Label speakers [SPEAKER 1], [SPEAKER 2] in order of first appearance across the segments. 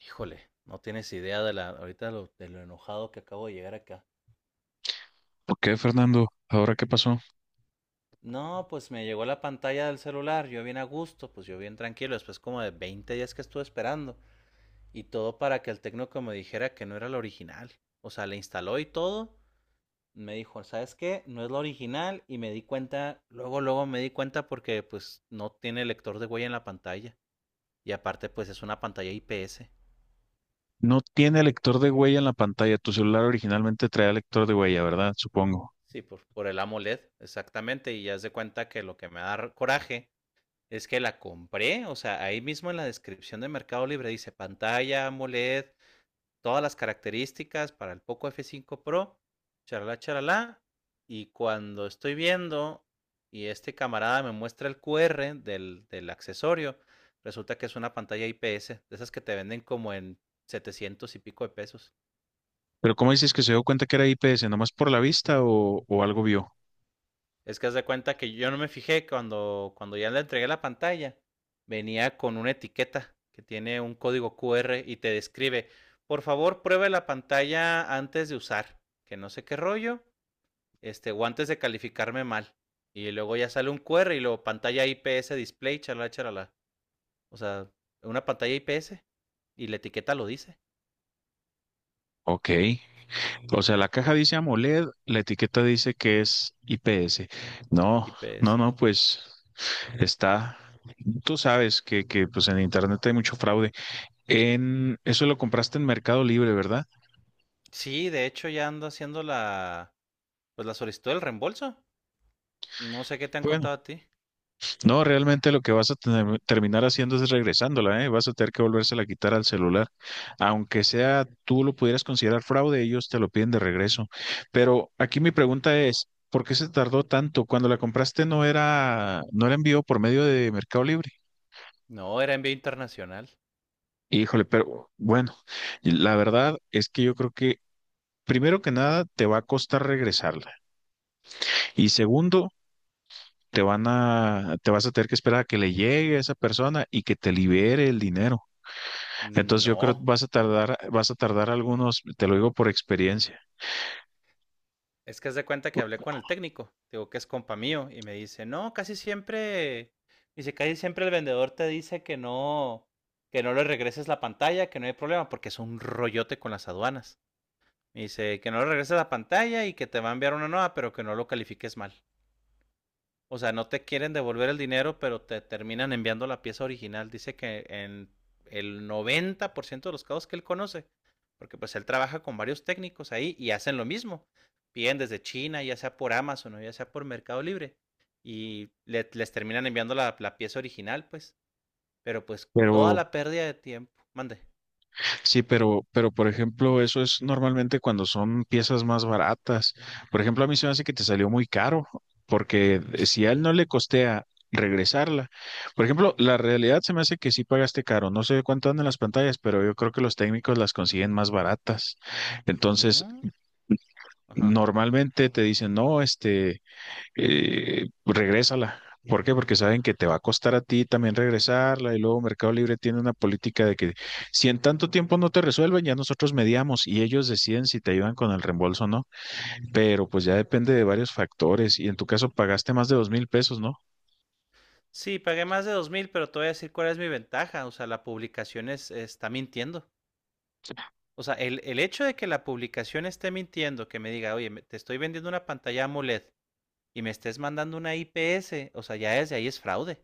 [SPEAKER 1] Híjole, no tienes idea de lo enojado que acabo de llegar acá.
[SPEAKER 2] ¿Por qué, Fernando? ¿Ahora qué pasó?
[SPEAKER 1] No, pues me llegó la pantalla del celular, yo bien a gusto, pues yo bien tranquilo, después como de 20 días que estuve esperando. Y todo para que el técnico me dijera que no era la original. O sea, le instaló y todo. Me dijo, ¿sabes qué? No es la original. Y me di cuenta, luego, luego me di cuenta porque pues no tiene lector de huella en la pantalla. Y aparte, pues es una pantalla IPS.
[SPEAKER 2] No tiene lector de huella en la pantalla. Tu celular originalmente traía lector de huella, ¿verdad? Supongo.
[SPEAKER 1] Sí, por el AMOLED, exactamente. Y ya se cuenta que lo que me da coraje. Es que la compré, o sea, ahí mismo en la descripción de Mercado Libre dice pantalla AMOLED, todas las características para el Poco F5 Pro, charalá, charalá. Y cuando estoy viendo y este camarada me muestra el QR del accesorio, resulta que es una pantalla IPS, de esas que te venden como en 700 y pico de pesos.
[SPEAKER 2] Pero ¿cómo dices que se dio cuenta que era IPS? ¿Nomás por la vista o algo vio?
[SPEAKER 1] Es que haz de cuenta que yo no me fijé cuando ya le entregué la pantalla. Venía con una etiqueta que tiene un código Q R y te describe, por favor, pruebe la pantalla antes de usar, que no sé qué rollo, este, o antes de calificarme mal. Y luego ya sale un Q R y luego pantalla I P S display, chalala, chalala. O sea, una pantalla I P S y la etiqueta lo dice,
[SPEAKER 2] Ok. O sea, la caja dice AMOLED, la etiqueta dice que es IPS. No,
[SPEAKER 1] I P
[SPEAKER 2] no,
[SPEAKER 1] S.
[SPEAKER 2] no, pues está. Tú sabes que pues en internet hay mucho fraude. En eso lo compraste en Mercado Libre, ¿verdad?
[SPEAKER 1] Sí, de hecho ya ando haciendo la, pues la solicitud del reembolso. No sé qué te han
[SPEAKER 2] Bueno,
[SPEAKER 1] contado a ti.
[SPEAKER 2] no, realmente lo que vas a terminar haciendo es regresándola, ¿eh? Vas a tener que volvérsela a quitar al celular. Aunque sea tú lo pudieras considerar fraude, ellos te lo piden de regreso. Pero aquí mi pregunta es, ¿por qué se tardó tanto? Cuando la compraste no era envío por medio de Mercado Libre.
[SPEAKER 1] No, era envío internacional.
[SPEAKER 2] Híjole, pero bueno, y la verdad es que yo creo que primero que nada te va a costar regresarla y segundo, te vas a tener que esperar a que le llegue a esa persona y que te libere el dinero. Entonces yo creo que
[SPEAKER 1] No,
[SPEAKER 2] vas a tardar algunos, te lo digo por experiencia,
[SPEAKER 1] es que haz de cuenta que hablé con el técnico, digo que es compa mío, y me dice, no, casi siempre, dice, casi siempre el vendedor te dice que no le regreses la pantalla, que no hay problema, porque es un rollote con las aduanas. Me dice que no le regreses la pantalla y que te va a enviar una nueva, pero que no lo califiques mal. O sea, no te quieren devolver el dinero, pero te terminan enviando la pieza original. Dice que en el 90% de los casos que él conoce, porque pues él trabaja con varios técnicos ahí y hacen lo mismo. Piden desde China, ya sea por Amazon o ya sea por Mercado Libre, y les terminan enviando la pieza original, pues. Pero pues toda
[SPEAKER 2] pero.
[SPEAKER 1] la pérdida de tiempo. Mande.
[SPEAKER 2] Sí, pero por ejemplo, eso es normalmente cuando son piezas más baratas. Por ejemplo, a mí se me hace que te salió muy caro, porque si a él no
[SPEAKER 1] Sí.
[SPEAKER 2] le costea regresarla. Por ejemplo, la realidad se me hace que sí pagaste caro. No sé cuánto andan las pantallas, pero yo creo que los técnicos las consiguen más baratas. Entonces,
[SPEAKER 1] No. Ajá.
[SPEAKER 2] normalmente te dicen, no, regrésala. ¿Por qué? Porque saben que te va a costar a ti también regresarla y luego Mercado Libre tiene una política de que si en tanto tiempo no te resuelven, ya nosotros mediamos y ellos deciden si te ayudan con el reembolso o no, pero pues ya depende de varios factores y en tu caso pagaste más de 2,000 pesos, ¿no?
[SPEAKER 1] Sí, pagué más de 2,000, pero te voy a decir cuál es mi ventaja. O sea, la publicación es, está mintiendo. O sea, el hecho de que la publicación esté mintiendo, que me diga, oye, me- te estoy vendiendo una pantalla AMOLED y me estés mandando una IPS, o sea, ya desde ahí es fraude.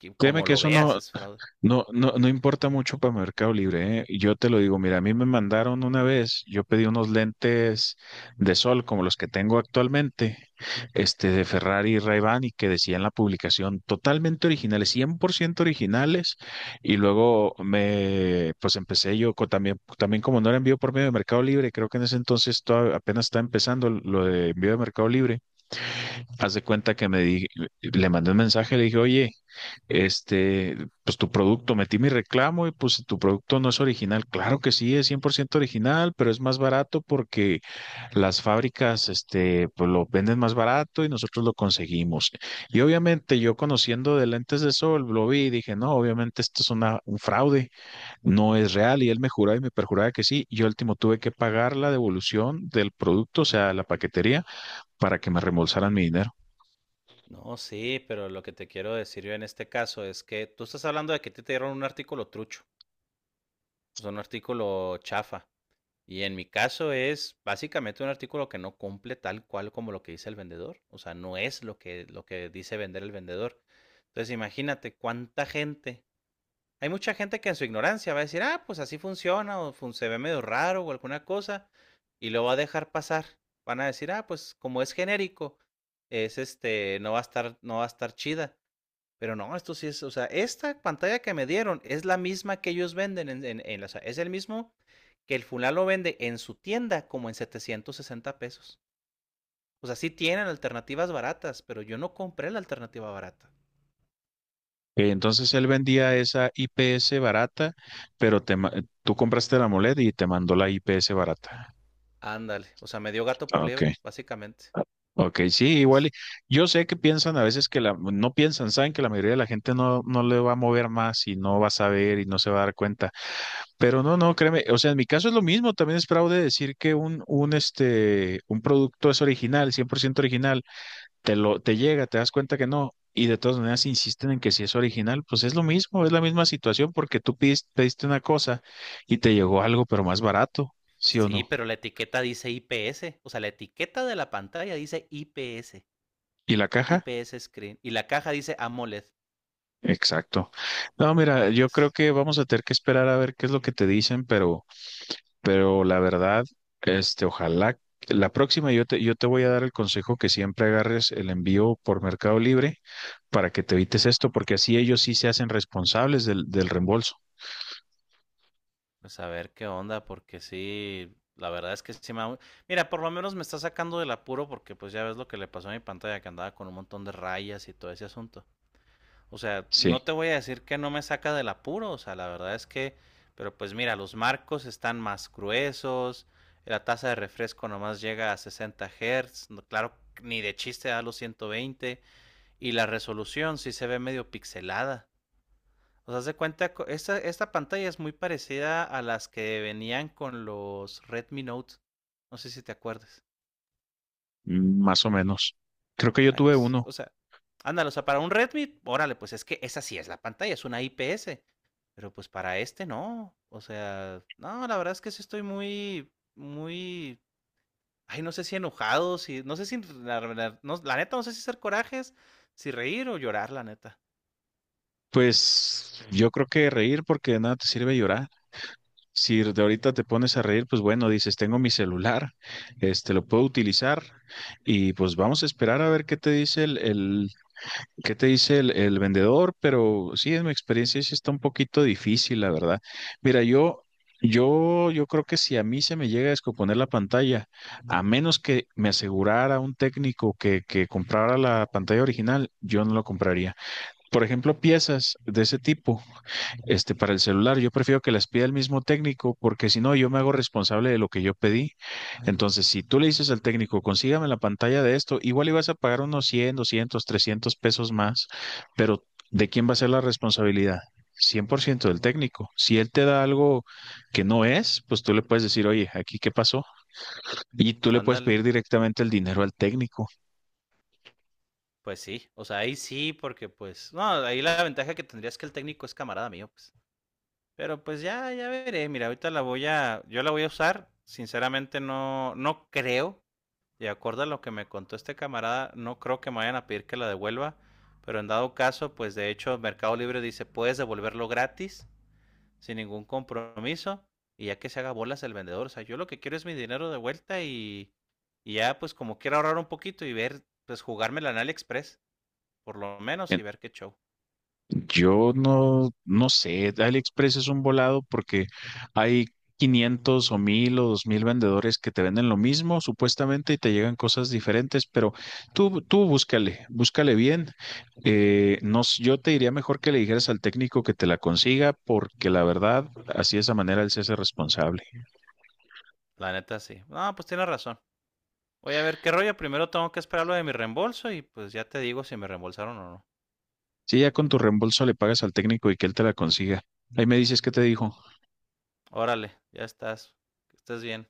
[SPEAKER 1] Que
[SPEAKER 2] Créeme
[SPEAKER 1] como
[SPEAKER 2] que
[SPEAKER 1] lo
[SPEAKER 2] eso
[SPEAKER 1] veas,
[SPEAKER 2] no.
[SPEAKER 1] es fraude.
[SPEAKER 2] No, no, no importa mucho para Mercado Libre, ¿eh? Yo te lo digo, mira, a mí me mandaron una vez, yo pedí unos lentes de sol como los que tengo actualmente, de Ferrari y Ray-Ban y que decían la publicación totalmente originales, 100% originales y luego pues empecé yo también como no era envío por medio de Mercado Libre, creo que en ese entonces apenas estaba empezando lo de envío de Mercado Libre, haz de cuenta que le mandé un mensaje, le dije, oye, este, pues tu producto, metí mi reclamo y pues tu producto no es original. Claro que sí, es 100% original, pero es más barato porque las fábricas, pues lo venden más barato y nosotros lo conseguimos. Y obviamente yo conociendo de lentes de sol, lo vi y dije, no, obviamente esto es un fraude, no es real. Y él me juraba y me perjuraba que sí. Yo último tuve que pagar la devolución del producto, o sea, la paquetería, para que me reembolsaran mi dinero.
[SPEAKER 1] No, sí, pero lo que te quiero decir yo en este caso es que tú estás hablando de que a ti te dieron un artículo trucho, o sea, un artículo chafa. Y en mi caso es básicamente un artículo que no cumple tal cual como lo que dice el vendedor. O sea, no es lo que dice vender el vendedor. Entonces, imagínate cuánta gente. Hay mucha gente que en su ignorancia va a decir, ah, pues así funciona, o se ve medio raro o alguna cosa, y lo va a dejar pasar. Van a decir, ah, pues como es genérico, es este, no va a estar chida. Pero no, esto sí es, o sea, esta pantalla que me dieron es la misma que ellos venden, o sea, es el mismo que el fulano lo vende en su tienda como en 760 pesos. O sea, sí tienen alternativas baratas, pero yo no compré la alternativa barata.
[SPEAKER 2] Ok. Entonces él vendía esa IPS barata, pero tú compraste la AMOLED y te mandó la IPS barata.
[SPEAKER 1] Ándale, o sea, me dio gato por
[SPEAKER 2] Ah, ok,
[SPEAKER 1] liebre, básicamente.
[SPEAKER 2] ok, sí, igual.
[SPEAKER 1] Es,
[SPEAKER 2] Yo sé que piensan a veces no piensan, saben que la mayoría de la gente no le va a mover más y no va a saber y no se va a dar cuenta. Pero no, no, créeme, o sea, en mi caso es lo mismo, también es fraude decir que un producto es original, 100% original, te llega, te das cuenta que no, y de todas maneras insisten en que si es original, pues es lo mismo, es la misma situación porque tú pediste una cosa y te llegó algo, pero más barato, ¿sí o
[SPEAKER 1] Sí,
[SPEAKER 2] no?
[SPEAKER 1] pero la etiqueta dice IPS, o sea, la etiqueta de la pantalla dice IPS,
[SPEAKER 2] ¿Y la caja?
[SPEAKER 1] IPS Screen, y la caja dice AMOLED.
[SPEAKER 2] Exacto. No, mira, yo creo
[SPEAKER 1] Entonces,
[SPEAKER 2] que vamos a tener que esperar a ver qué es lo que te dicen, pero, la verdad, ojalá que la próxima yo te voy a dar el consejo que siempre agarres el envío por Mercado Libre para que te evites esto, porque así ellos sí se hacen responsables del reembolso.
[SPEAKER 1] pues a ver qué onda, porque sí, la verdad es que sí Mira, por lo menos me está sacando del apuro porque pues ya ves lo que le pasó a mi pantalla, que andaba con un montón de rayas y todo ese asunto. O sea, no
[SPEAKER 2] Sí.
[SPEAKER 1] te voy a decir que no me saca del apuro, o sea, la verdad es que, pero pues mira, los marcos están más gruesos, la tasa de refresco nomás llega a 60 Hz, claro, ni de chiste da los 120, y la resolución sí se ve medio pixelada. O sea, se cuenta, esta pantalla es muy parecida a las que venían con los Redmi Note, no sé si te acuerdas.
[SPEAKER 2] Más o menos. Creo que yo
[SPEAKER 1] Ay,
[SPEAKER 2] tuve
[SPEAKER 1] pues,
[SPEAKER 2] uno.
[SPEAKER 1] o sea, ándale, o sea, para un Redmi, órale, pues es que esa sí es la pantalla, es una IPS. Pero pues para este no. O sea, no, la verdad es que sí estoy muy, muy. Ay, no sé si enojado, si. No sé si. La neta, no sé si hacer corajes, si reír o llorar, la neta.
[SPEAKER 2] Pues yo creo que reír porque de nada te sirve llorar. Si de ahorita te pones a reír, pues bueno, dices, tengo mi celular, este lo puedo utilizar y pues vamos a esperar a ver ¿Qué te dice el vendedor? Pero sí, en mi experiencia sí está un poquito difícil, la verdad. Mira, yo creo que si a mí se me llega a descomponer la pantalla, a menos que me asegurara un técnico que comprara la pantalla original, yo no lo compraría. Por ejemplo, piezas de ese tipo para el celular. Yo prefiero que las pida el mismo técnico porque si no, yo me hago responsable de lo que yo pedí. Entonces, si tú le dices al técnico, consígame la pantalla de esto, igual ibas a pagar unos 100, 200, 300 pesos más, pero ¿de quién va a ser la responsabilidad? 100% del técnico. Si él te da algo que no es, pues tú le puedes decir, oye, aquí qué pasó. Y tú le puedes
[SPEAKER 1] Ándale.
[SPEAKER 2] pedir directamente el dinero al técnico.
[SPEAKER 1] Pues sí. O sea, ahí sí, porque pues. No, ahí la ventaja que tendría es que el técnico es camarada mío, pues. Pero pues ya veré. Mira, ahorita yo la voy a usar. Sinceramente no, no creo. De acuerdo a lo que me contó este camarada, no creo que me vayan a pedir que la devuelva. Pero en dado caso, pues de hecho Mercado Libre dice, puedes devolverlo gratis, sin ningún compromiso. Y ya que se haga bolas el vendedor. O sea, yo lo que quiero es mi dinero de vuelta y ya pues como quiero ahorrar un poquito y ver, pues jugármela en AliExpress, por lo menos, y ver qué show.
[SPEAKER 2] Yo no, no sé, AliExpress es un volado porque hay 500 o 1,000 o 2,000 vendedores que te venden lo mismo supuestamente y te llegan cosas diferentes, pero tú búscale, búscale bien. No, yo te diría mejor que le dijeras al técnico que te la consiga porque la verdad, así de esa manera él se hace responsable.
[SPEAKER 1] La neta sí. No, pues tiene razón. Voy a ver qué rollo. Primero tengo que esperar lo de mi reembolso y pues ya te digo si me reembolsaron o no.
[SPEAKER 2] Si ya con tu reembolso le pagas al técnico y que él te la consiga, ahí me dices qué te dijo.
[SPEAKER 1] Órale, ya estás. Que estés bien.